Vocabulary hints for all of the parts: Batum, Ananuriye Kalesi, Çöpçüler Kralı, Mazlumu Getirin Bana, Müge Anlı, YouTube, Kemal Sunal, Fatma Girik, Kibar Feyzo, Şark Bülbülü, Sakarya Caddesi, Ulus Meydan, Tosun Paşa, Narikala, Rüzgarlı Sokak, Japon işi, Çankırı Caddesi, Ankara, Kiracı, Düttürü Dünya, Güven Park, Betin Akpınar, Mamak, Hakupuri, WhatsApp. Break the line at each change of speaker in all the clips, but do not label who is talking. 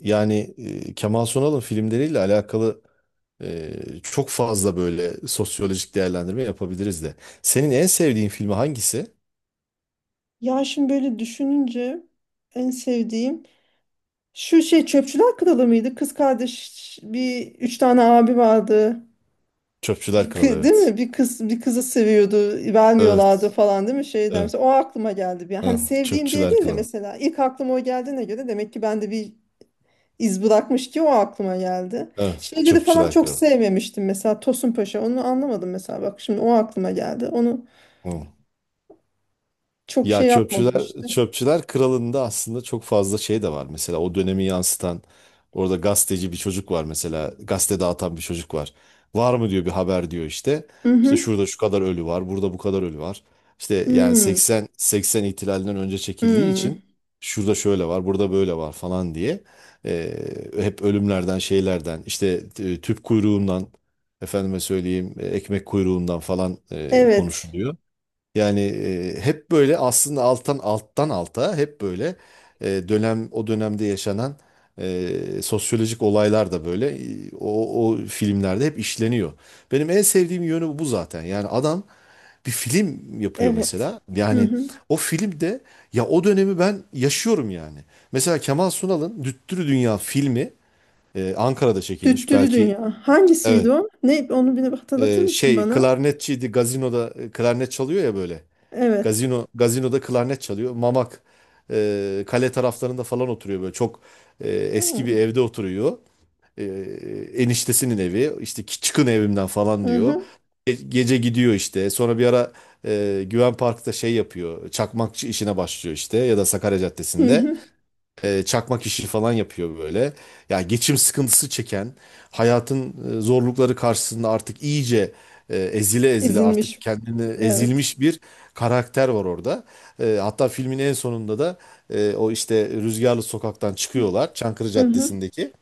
Yani Kemal Sunal'ın filmleriyle alakalı çok fazla böyle sosyolojik değerlendirme yapabiliriz de. Senin en sevdiğin filmi hangisi?
Ya şimdi böyle düşününce en sevdiğim şu Çöpçüler Kralı mıydı? Kız kardeş bir, üç tane abi vardı.
Çöpçüler Kralı,
Değil
evet.
mi? Bir kız bir kızı seviyordu, vermiyorlardı
Evet.
falan değil mi? Şeyden
Evet,
mesela o aklıma geldi bir an. Hani
evet.
sevdiğim diye
Çöpçüler
değil de
Kralı.
mesela ilk aklıma o geldiğine göre demek ki ben de bir iz bırakmış ki o aklıma geldi.
Evet.
Şeyleri falan
Çöpçüler
çok
Kralı.
sevmemiştim, mesela Tosun Paşa, onu anlamadım mesela, bak şimdi o aklıma geldi. Onu
Hı.
çok
Ya
şey
çöpçüler
yapmamıştı.
çöpçüler kralında aslında çok fazla şey de var. Mesela o dönemi yansıtan, orada gazeteci bir çocuk var mesela, gazete dağıtan bir çocuk var. Var mı diyor, bir haber diyor işte.
Hı
İşte
hı.
şurada şu kadar ölü var, burada bu kadar ölü var. İşte yani
Hmm.
80 ihtilalinden önce çekildiği
Hmm.
için şurada şöyle var, burada böyle var falan diye hep ölümlerden, şeylerden, işte tüp kuyruğundan, efendime söyleyeyim, ekmek kuyruğundan falan
Evet.
konuşuluyor. Yani hep böyle aslında alttan alttan alta hep böyle dönem, o dönemde yaşanan sosyolojik olaylar da böyle, o filmlerde hep işleniyor. Benim en sevdiğim yönü bu zaten. Yani adam bir film yapıyor
Evet.
mesela.
Hı
Yani
hı.
o filmde ya o dönemi ben yaşıyorum yani. Mesela Kemal Sunal'ın Düttürü Dünya filmi Ankara'da çekilmiş.
Düttürü
Belki
Dünya.
evet,
Hangisiydi o? Ne, onu bir hatırlatır mısın
şey,
bana?
klarnetçiydi, gazinoda klarnet çalıyor ya böyle.
Evet.
Gazinoda klarnet çalıyor. Mamak kale taraflarında falan oturuyor, böyle çok
Hı
eski bir evde oturuyor. E, Eniştesinin evi işte, "Ki- çıkın evimden" falan diyor.
hı.
Gece gidiyor işte. Sonra bir ara Güven Park'ta şey yapıyor. Çakmakçı işine başlıyor işte, ya da Sakarya
Hı
Caddesi'nde
hı.
çakmak işi falan yapıyor böyle. Ya geçim sıkıntısı çeken, hayatın zorlukları karşısında artık iyice ezile ezile artık
İzilmiş.
kendini
Evet.
ezilmiş bir karakter var orada. Hatta filmin en sonunda da o işte Rüzgarlı Sokak'tan çıkıyorlar. Çankırı
Hı hı.
Caddesi'ndeki.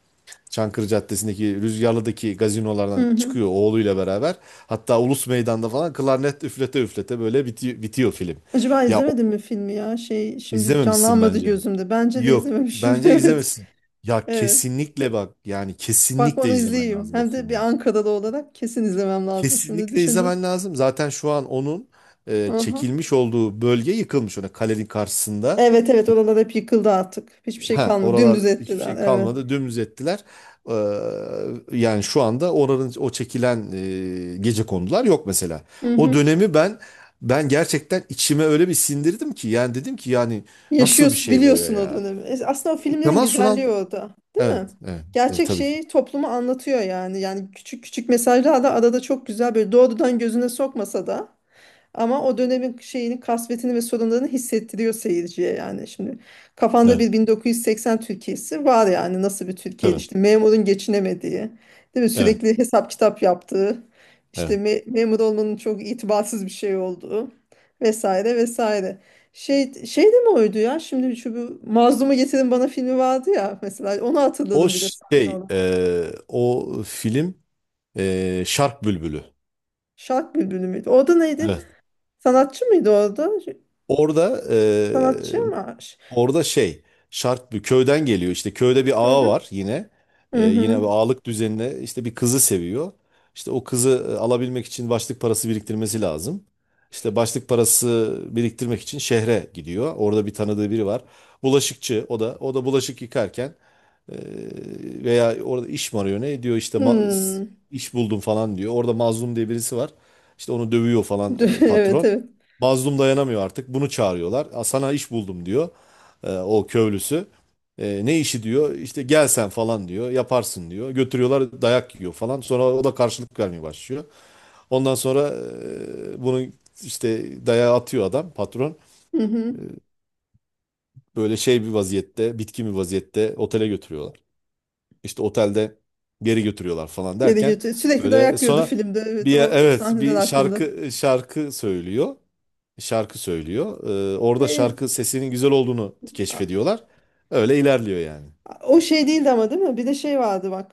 Çankırı Caddesi'ndeki Rüzgarlı'daki gazinolardan
Hı hı.
çıkıyor oğluyla beraber. Hatta Ulus Meydan'da falan klarnet üflete üflete böyle bitiyor film.
Acaba
Ya
izlemedim mi filmi ya? Şey, şimdi
İzlememişsin
canlanmadı
bence.
gözümde. Bence de
Yok,
izlememişim.
bence
Evet.
izlemesin. Ya
Evet.
kesinlikle bak, yani
Bak,
kesinlikle
onu
izlemen
izleyeyim.
lazım o
Hem de bir
filmi.
Ankara'da olarak kesin izlemem lazım. Şimdi
Kesinlikle
düşündüm.
izlemen lazım. Zaten şu an onun
Aha.
çekilmiş olduğu bölge yıkılmış. Ona, kalenin karşısında.
Evet evet, oralar hep yıkıldı artık. Hiçbir şey
Ha,
kalmadı.
oralar
Dümdüz
hiçbir
ettiler.
şey
Evet.
kalmadı. Dümdüz ettiler. Ee, Yani şu anda oranın o çekilen gecekondular yok mesela.
Hı
O
hı.
dönemi ben gerçekten içime öyle bir sindirdim ki, yani dedim ki yani nasıl bir
Yaşıyorsun,
şey böyle
biliyorsun o
ya?
dönemi. Aslında o filmlerin
Kemal Sunal.
güzelliği orada. Değil
Evet,
mi?
evet, evet,
Gerçek
tabii ki.
şeyi topluma anlatıyor yani. Yani küçük küçük mesajlar da arada çok güzel, böyle doğrudan gözüne sokmasa da ama o dönemin şeyini, kasvetini ve sorunlarını hissettiriyor seyirciye yani. Şimdi kafanda
Evet,
bir 1980 Türkiye'si var yani. Nasıl bir Türkiye'ydi,
tabii.
işte memurun geçinemediği, değil mi?
Evet,
Sürekli hesap kitap yaptığı, işte
evet.
me- memur olmanın çok itibarsız bir şey olduğu vesaire vesaire. Şey, şey de mi oydu ya? Şimdi şu, bu Mazlumu Getirin Bana filmi vardı ya mesela. Onu
O
hatırladım bir de sahne
şey,
olarak.
o film Şark Bülbülü.
Şark Bülbülü müydü? Orada neydi?
Evet.
Sanatçı mıydı orada?
Orada
Sanatçı mı?
Orada şey, şart bir köyden geliyor işte, köyde bir
Hı
ağa
hı.
var yine.
Hı
Yine
hı.
bir ağalık düzenine, işte bir kızı seviyor. İşte o kızı alabilmek için başlık parası biriktirmesi lazım. İşte başlık parası biriktirmek için şehre gidiyor. Orada bir tanıdığı biri var. Bulaşıkçı, o da bulaşık yıkarken e, veya orada iş mi arıyor ne diyor işte,
Hmm.
iş buldum falan diyor. Orada Mazlum diye birisi var. İşte onu dövüyor falan
Evet
patron.
evet.
Mazlum dayanamıyor artık. Bunu çağırıyorlar. "Aa, sana iş buldum" diyor o köylüsü. Ne işi diyor, işte gel sen falan diyor, yaparsın diyor. Götürüyorlar, dayak yiyor falan, sonra o da karşılık vermeye başlıyor. Ondan sonra bunu işte, dayağı atıyor adam, patron.
Hı hı.
E, Böyle şey bir vaziyette, bitkin bir vaziyette otele götürüyorlar. İşte otelde geri götürüyorlar falan
Yedi
derken
götü. Sürekli
böyle,
dayak yiyordu
sonra
filmde. Evet, o
evet,
sahneler
bir
aklımda.
şarkı söylüyor, şarkı söylüyor. Orada
Ve ün-
şarkı sesinin güzel olduğunu
a-
keşfediyorlar. Öyle ilerliyor yani.
a- o şey değildi ama değil mi? Bir de şey vardı bak.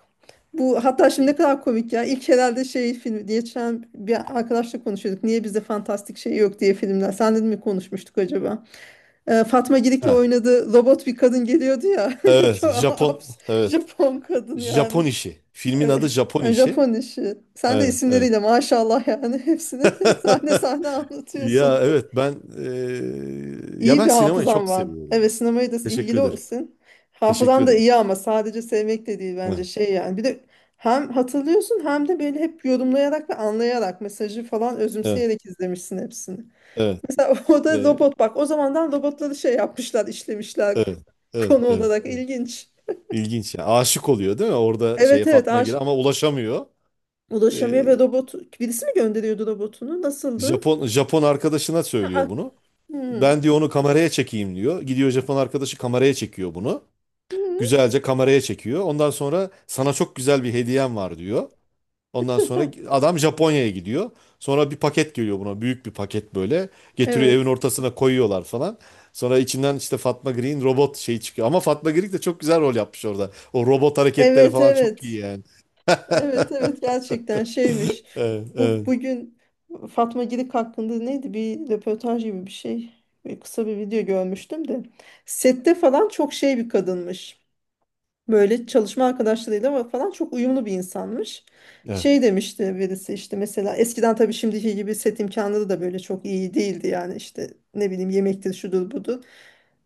Bu hatta şimdi ne kadar komik ya. İlk herhalde şey filmi diye geçen bir arkadaşla konuşuyorduk. Niye bizde fantastik şey yok diye, filmler. Sen de mi konuşmuştuk acaba? Fatma Girik'le
Ha,
oynadığı robot bir kadın geliyordu ya.
evet,
Çok
Japon,
abs
evet,
Japon kadın
Japon
yani.
işi. Filmin
Evet.
adı Japon
Yani
işi.
Japon işi. Sen de
Evet, evet.
isimleriyle maşallah yani hepsini sahne sahne
Ya
anlatıyorsun.
evet, ben ya
İyi
ben
bir
sinemayı
hafızan
çok
var. Evet,
seviyorum.
sinemaya da
Teşekkür
ilgili
ederim.
olsun.
Teşekkür
Hafızan da
ederim.
iyi ama sadece sevmek de değil bence,
Evet,
şey yani. Bir de hem hatırlıyorsun hem de böyle hep yorumlayarak ve anlayarak mesajı falan
evet,
özümseyerek izlemişsin hepsini.
evet,
Mesela o da
evet,
robot, bak, o zamandan robotları şey yapmışlar, işlemişler,
evet. Evet,
konu
evet,
olarak
evet.
ilginç.
İlginç ya. Aşık oluyor değil mi? Orada şeye,
Evet evet,
Fatma Giri ama ulaşamıyor.
ulaşamıyor
Eee,
ve robot, birisi mi gönderiyordu robotunu, nasıldı?
Japon arkadaşına söylüyor
Ak-
bunu.
Hı.
Ben diyor onu kameraya çekeyim diyor. Gidiyor Japon arkadaşı, kameraya çekiyor bunu.
Hı.
Güzelce kameraya çekiyor. Ondan sonra sana çok güzel bir hediyem var diyor. Ondan sonra adam Japonya'ya gidiyor. Sonra bir paket geliyor buna. Büyük bir paket böyle. Getiriyor, evin
Evet.
ortasına koyuyorlar falan. Sonra içinden işte Fatma Girik'in robot şeyi çıkıyor. Ama Fatma Girik de çok güzel rol yapmış orada. O robot hareketleri
Evet,
falan çok iyi
evet.
yani.
Evet, evet, gerçekten şeymiş.
Evet,
Bu
evet,
bugün Fatma Girik hakkında neydi? Bir röportaj gibi bir şey. Bir kısa bir video görmüştüm de. Sette falan çok şey bir kadınmış. Böyle çalışma arkadaşlarıyla falan çok uyumlu bir insanmış.
evet.
Şey demişti birisi, işte mesela eskiden tabii şimdiki gibi set imkanları da böyle çok iyi değildi yani, işte ne bileyim, yemektir, şudur, budur,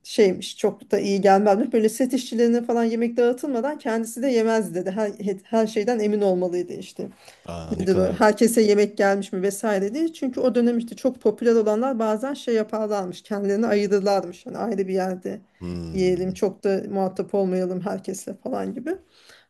şeymiş, çok da iyi gelmezmiş. Böyle set işçilerine falan yemek dağıtılmadan kendisi de yemezdi dedi. Her, her şeyden emin olmalıydı işte,
Aa, ne
nedir o?
kadar...
Herkese yemek gelmiş mi vesaire diye. Çünkü o dönem işte çok popüler olanlar bazen şey yaparlarmış. Kendilerini ayırırlarmış. Hani ayrı bir yerde yiyelim.
Hmm.
Çok da muhatap olmayalım herkesle falan gibi.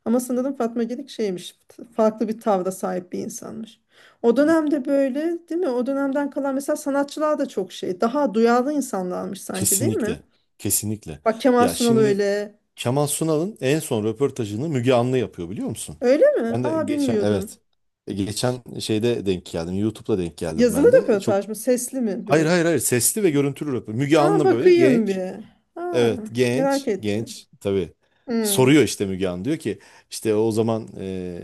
Ama sanırım Fatma Girik şeymiş. Farklı bir tavra sahip bir insanmış. O dönemde böyle değil mi? O dönemden kalan mesela sanatçılar da çok şey. Daha duyarlı insanlarmış sanki, değil mi?
Kesinlikle. Kesinlikle.
Bak, Kemal
Ya
Sunal
şimdi,
öyle.
Kemal Sunal'ın en son röportajını Müge Anlı yapıyor, biliyor musun?
Öyle mi?
Ben de
Aa,
geçen,
bilmiyordum.
evet. Geçen şeyde denk geldim. YouTube'da denk geldim
Yazılı
ben de.
röportaj
Çok.
mı? Sesli mi
Hayır,
böyle?
hayır, hayır, sesli ve görüntülü röportaj. Müge
Aa,
Anlı böyle
bakayım
genç.
bir. Ha,
Evet,
merak
genç.
ettim.
Genç, tabii.
Hmm.
Soruyor işte Müge Anlı, diyor ki işte o zaman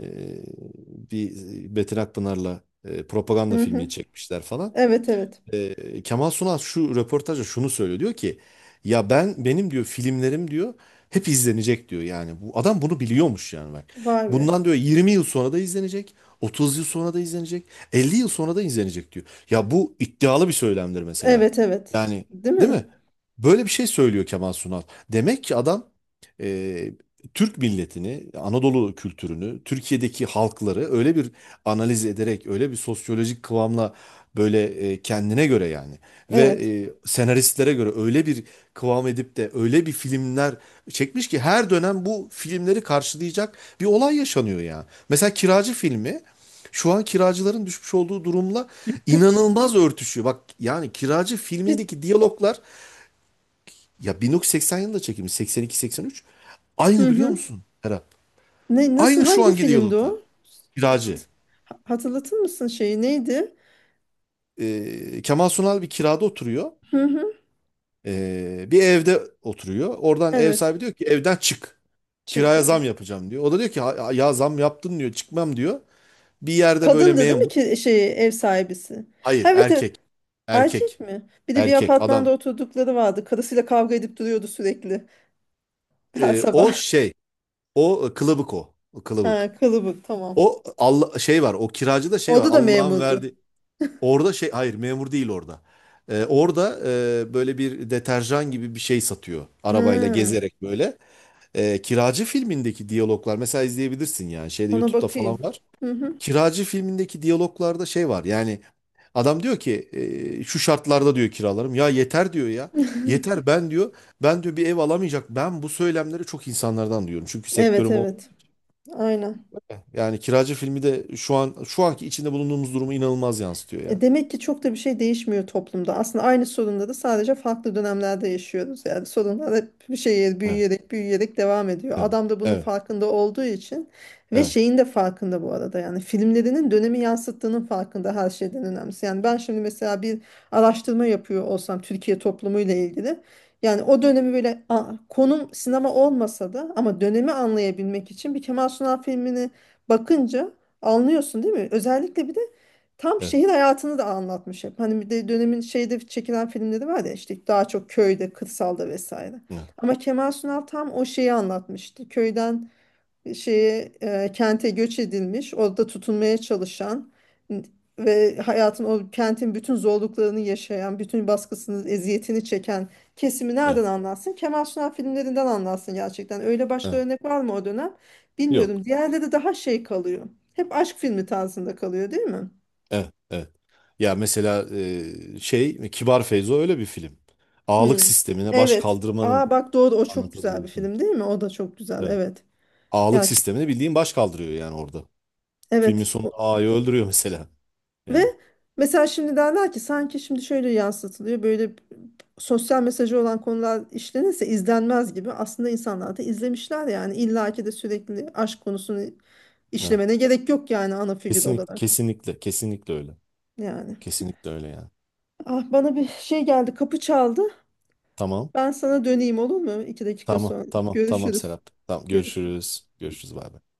bir Betin Akpınar'la
Hı
propaganda
hı.
filmi çekmişler falan.
Evet evet.
Kemal Sunal şu röportajda şunu söylüyor, diyor ki ya ben, benim diyor filmlerim diyor, hep izlenecek diyor, yani bu adam bunu biliyormuş yani bak,
Vay be.
bundan diyor 20 yıl sonra da izlenecek, 30 yıl sonra da izlenecek, 50 yıl sonra da izlenecek diyor ya, bu iddialı bir söylemdir mesela
Evet evet.
yani,
Değil
değil
mi?
mi? Böyle bir şey söylüyor Kemal Sunal, demek ki adam e, Türk milletini, Anadolu kültürünü, Türkiye'deki halkları öyle bir analiz ederek, öyle bir sosyolojik kıvamla, böyle kendine göre yani, ve
Evet.
senaristlere göre öyle bir kıvam edip de öyle bir filmler çekmiş ki, her dönem bu filmleri karşılayacak bir olay yaşanıyor ya. Mesela Kiracı filmi, şu an kiracıların düşmüş olduğu durumla inanılmaz örtüşüyor. Bak yani, Kiracı
Hiç-
filmindeki diyaloglar ya, 1980 yılında çekilmiş, 82-83,
Hı
aynı, biliyor
hı.
musun Serap?
Ne, nasıl,
Aynı şu
hangi
anki
filmdi
diyaloglar.
o?
Kiracı.
Hat- Hatırlatır mısın, şeyi, neydi?
Kemal Sunal bir kirada oturuyor.
Hı hı.
Bir evde oturuyor. Oradan ev
Evet.
sahibi diyor ki evden çık.
Çık.
Kiraya zam yapacağım diyor. O da diyor ki "Ha- ya zam yaptın" diyor, "çıkmam" diyor. Bir yerde böyle
Kadındı değil mi
memur.
ki, şey, ev sahibisi?
Hayır,
Evet evet.
erkek.
Erkek
Erkek.
mi? Bir de bir
Erkek
apartmanda
adam.
oturdukları vardı. Karısıyla kavga edip duruyordu sürekli her sabah.
O şey. Kılıbık o. O kılıbık.
Ha, kılıbık, tamam.
O Allah şey var. O kiracı da şey var.
Orada da
Allah'ın
memurdu.
verdi. Orada şey, hayır, memur değil orada. Orada böyle bir deterjan gibi bir şey satıyor. Arabayla
Ha.
gezerek böyle. Kiracı filmindeki diyaloglar mesela izleyebilirsin, yani şeyde,
Ona
YouTube'da falan
bakayım.
var.
Hı hı.
Kiracı filmindeki diyaloglarda şey var yani, adam diyor ki şu şartlarda diyor kiralarım ya yeter diyor ya, yeter ben diyor, ben diyor bir ev alamayacak, ben bu söylemleri çok insanlardan duyuyorum çünkü
Evet
sektörüm o,
evet. Aynen.
yani Kiracı filmi de şu an, şu anki içinde bulunduğumuz durumu inanılmaz yansıtıyor yani.
Demek ki çok da bir şey değişmiyor toplumda. Aslında aynı sorunları sadece farklı dönemlerde yaşıyoruz. Yani sorunlar hep bir şeye
Evet,
büyüyerek büyüyerek devam ediyor.
evet,
Adam da bunun
evet,
farkında olduğu için ve şeyin de farkında bu arada. Yani filmlerinin dönemi yansıttığının farkında, her şeyden önemlisi. Yani ben şimdi mesela bir araştırma yapıyor olsam Türkiye toplumuyla ilgili. Yani o dönemi böyle, a, konum sinema olmasa da ama dönemi anlayabilmek için bir Kemal Sunal filmini bakınca anlıyorsun değil mi? Özellikle bir de tam
evet, evet,
şehir hayatını da anlatmış hep. Hani bir de dönemin şeyde çekilen filmleri var ya, işte daha çok köyde, kırsalda vesaire.
evet,
Ama Kemal Sunal tam o şeyi anlatmıştı. Köyden şeye, kente göç edilmiş, orada tutunmaya çalışan n- ve hayatın o kentin bütün zorluklarını yaşayan, bütün baskısını, eziyetini çeken kesimi
evet,
nereden anlatsın? Kemal Sunal filmlerinden anlatsın gerçekten. Öyle başka
evet.
örnek var mı o dönem?
Yok.
Bilmiyorum. Diğerleri daha şey kalıyor. Hep aşk filmi tarzında kalıyor, değil mi?
Evet, evet. Ya mesela şey, Kibar Feyzo öyle bir film. Ağalık
Hmm.
sistemine baş
Evet. Aa
kaldırmanın
bak, doğru, o çok
anlatıldığı
güzel bir
bir film.
film değil mi? O da çok güzel.
Evet.
Evet.
Ağalık
Gerçek.
sistemine bildiğin baş kaldırıyor yani orada. Filmin
Evet.
sonunda
O-
ağayı öldürüyor mesela.
ve
Yani.
mesela şimdi derler ki, sanki şimdi şöyle yansıtılıyor. Böyle sosyal mesajı olan konular işlenirse izlenmez gibi. Aslında insanlar da izlemişler yani. İlla ki de sürekli aşk konusunu
Evet.
işlemene gerek yok yani ana figür
Kesinlikle,
olarak.
kesinlikle, kesinlikle öyle.
Yani.
Kesinlikle öyle yani.
Ah, bana bir şey geldi. Kapı çaldı.
Tamam,
Ben sana döneyim, olur mu? 2 dakika
tamam,
sonra.
tamam, tamam
Görüşürüz.
Serap. Tamam,
Görüşürüz.
görüşürüz. Görüşürüz, bay bay.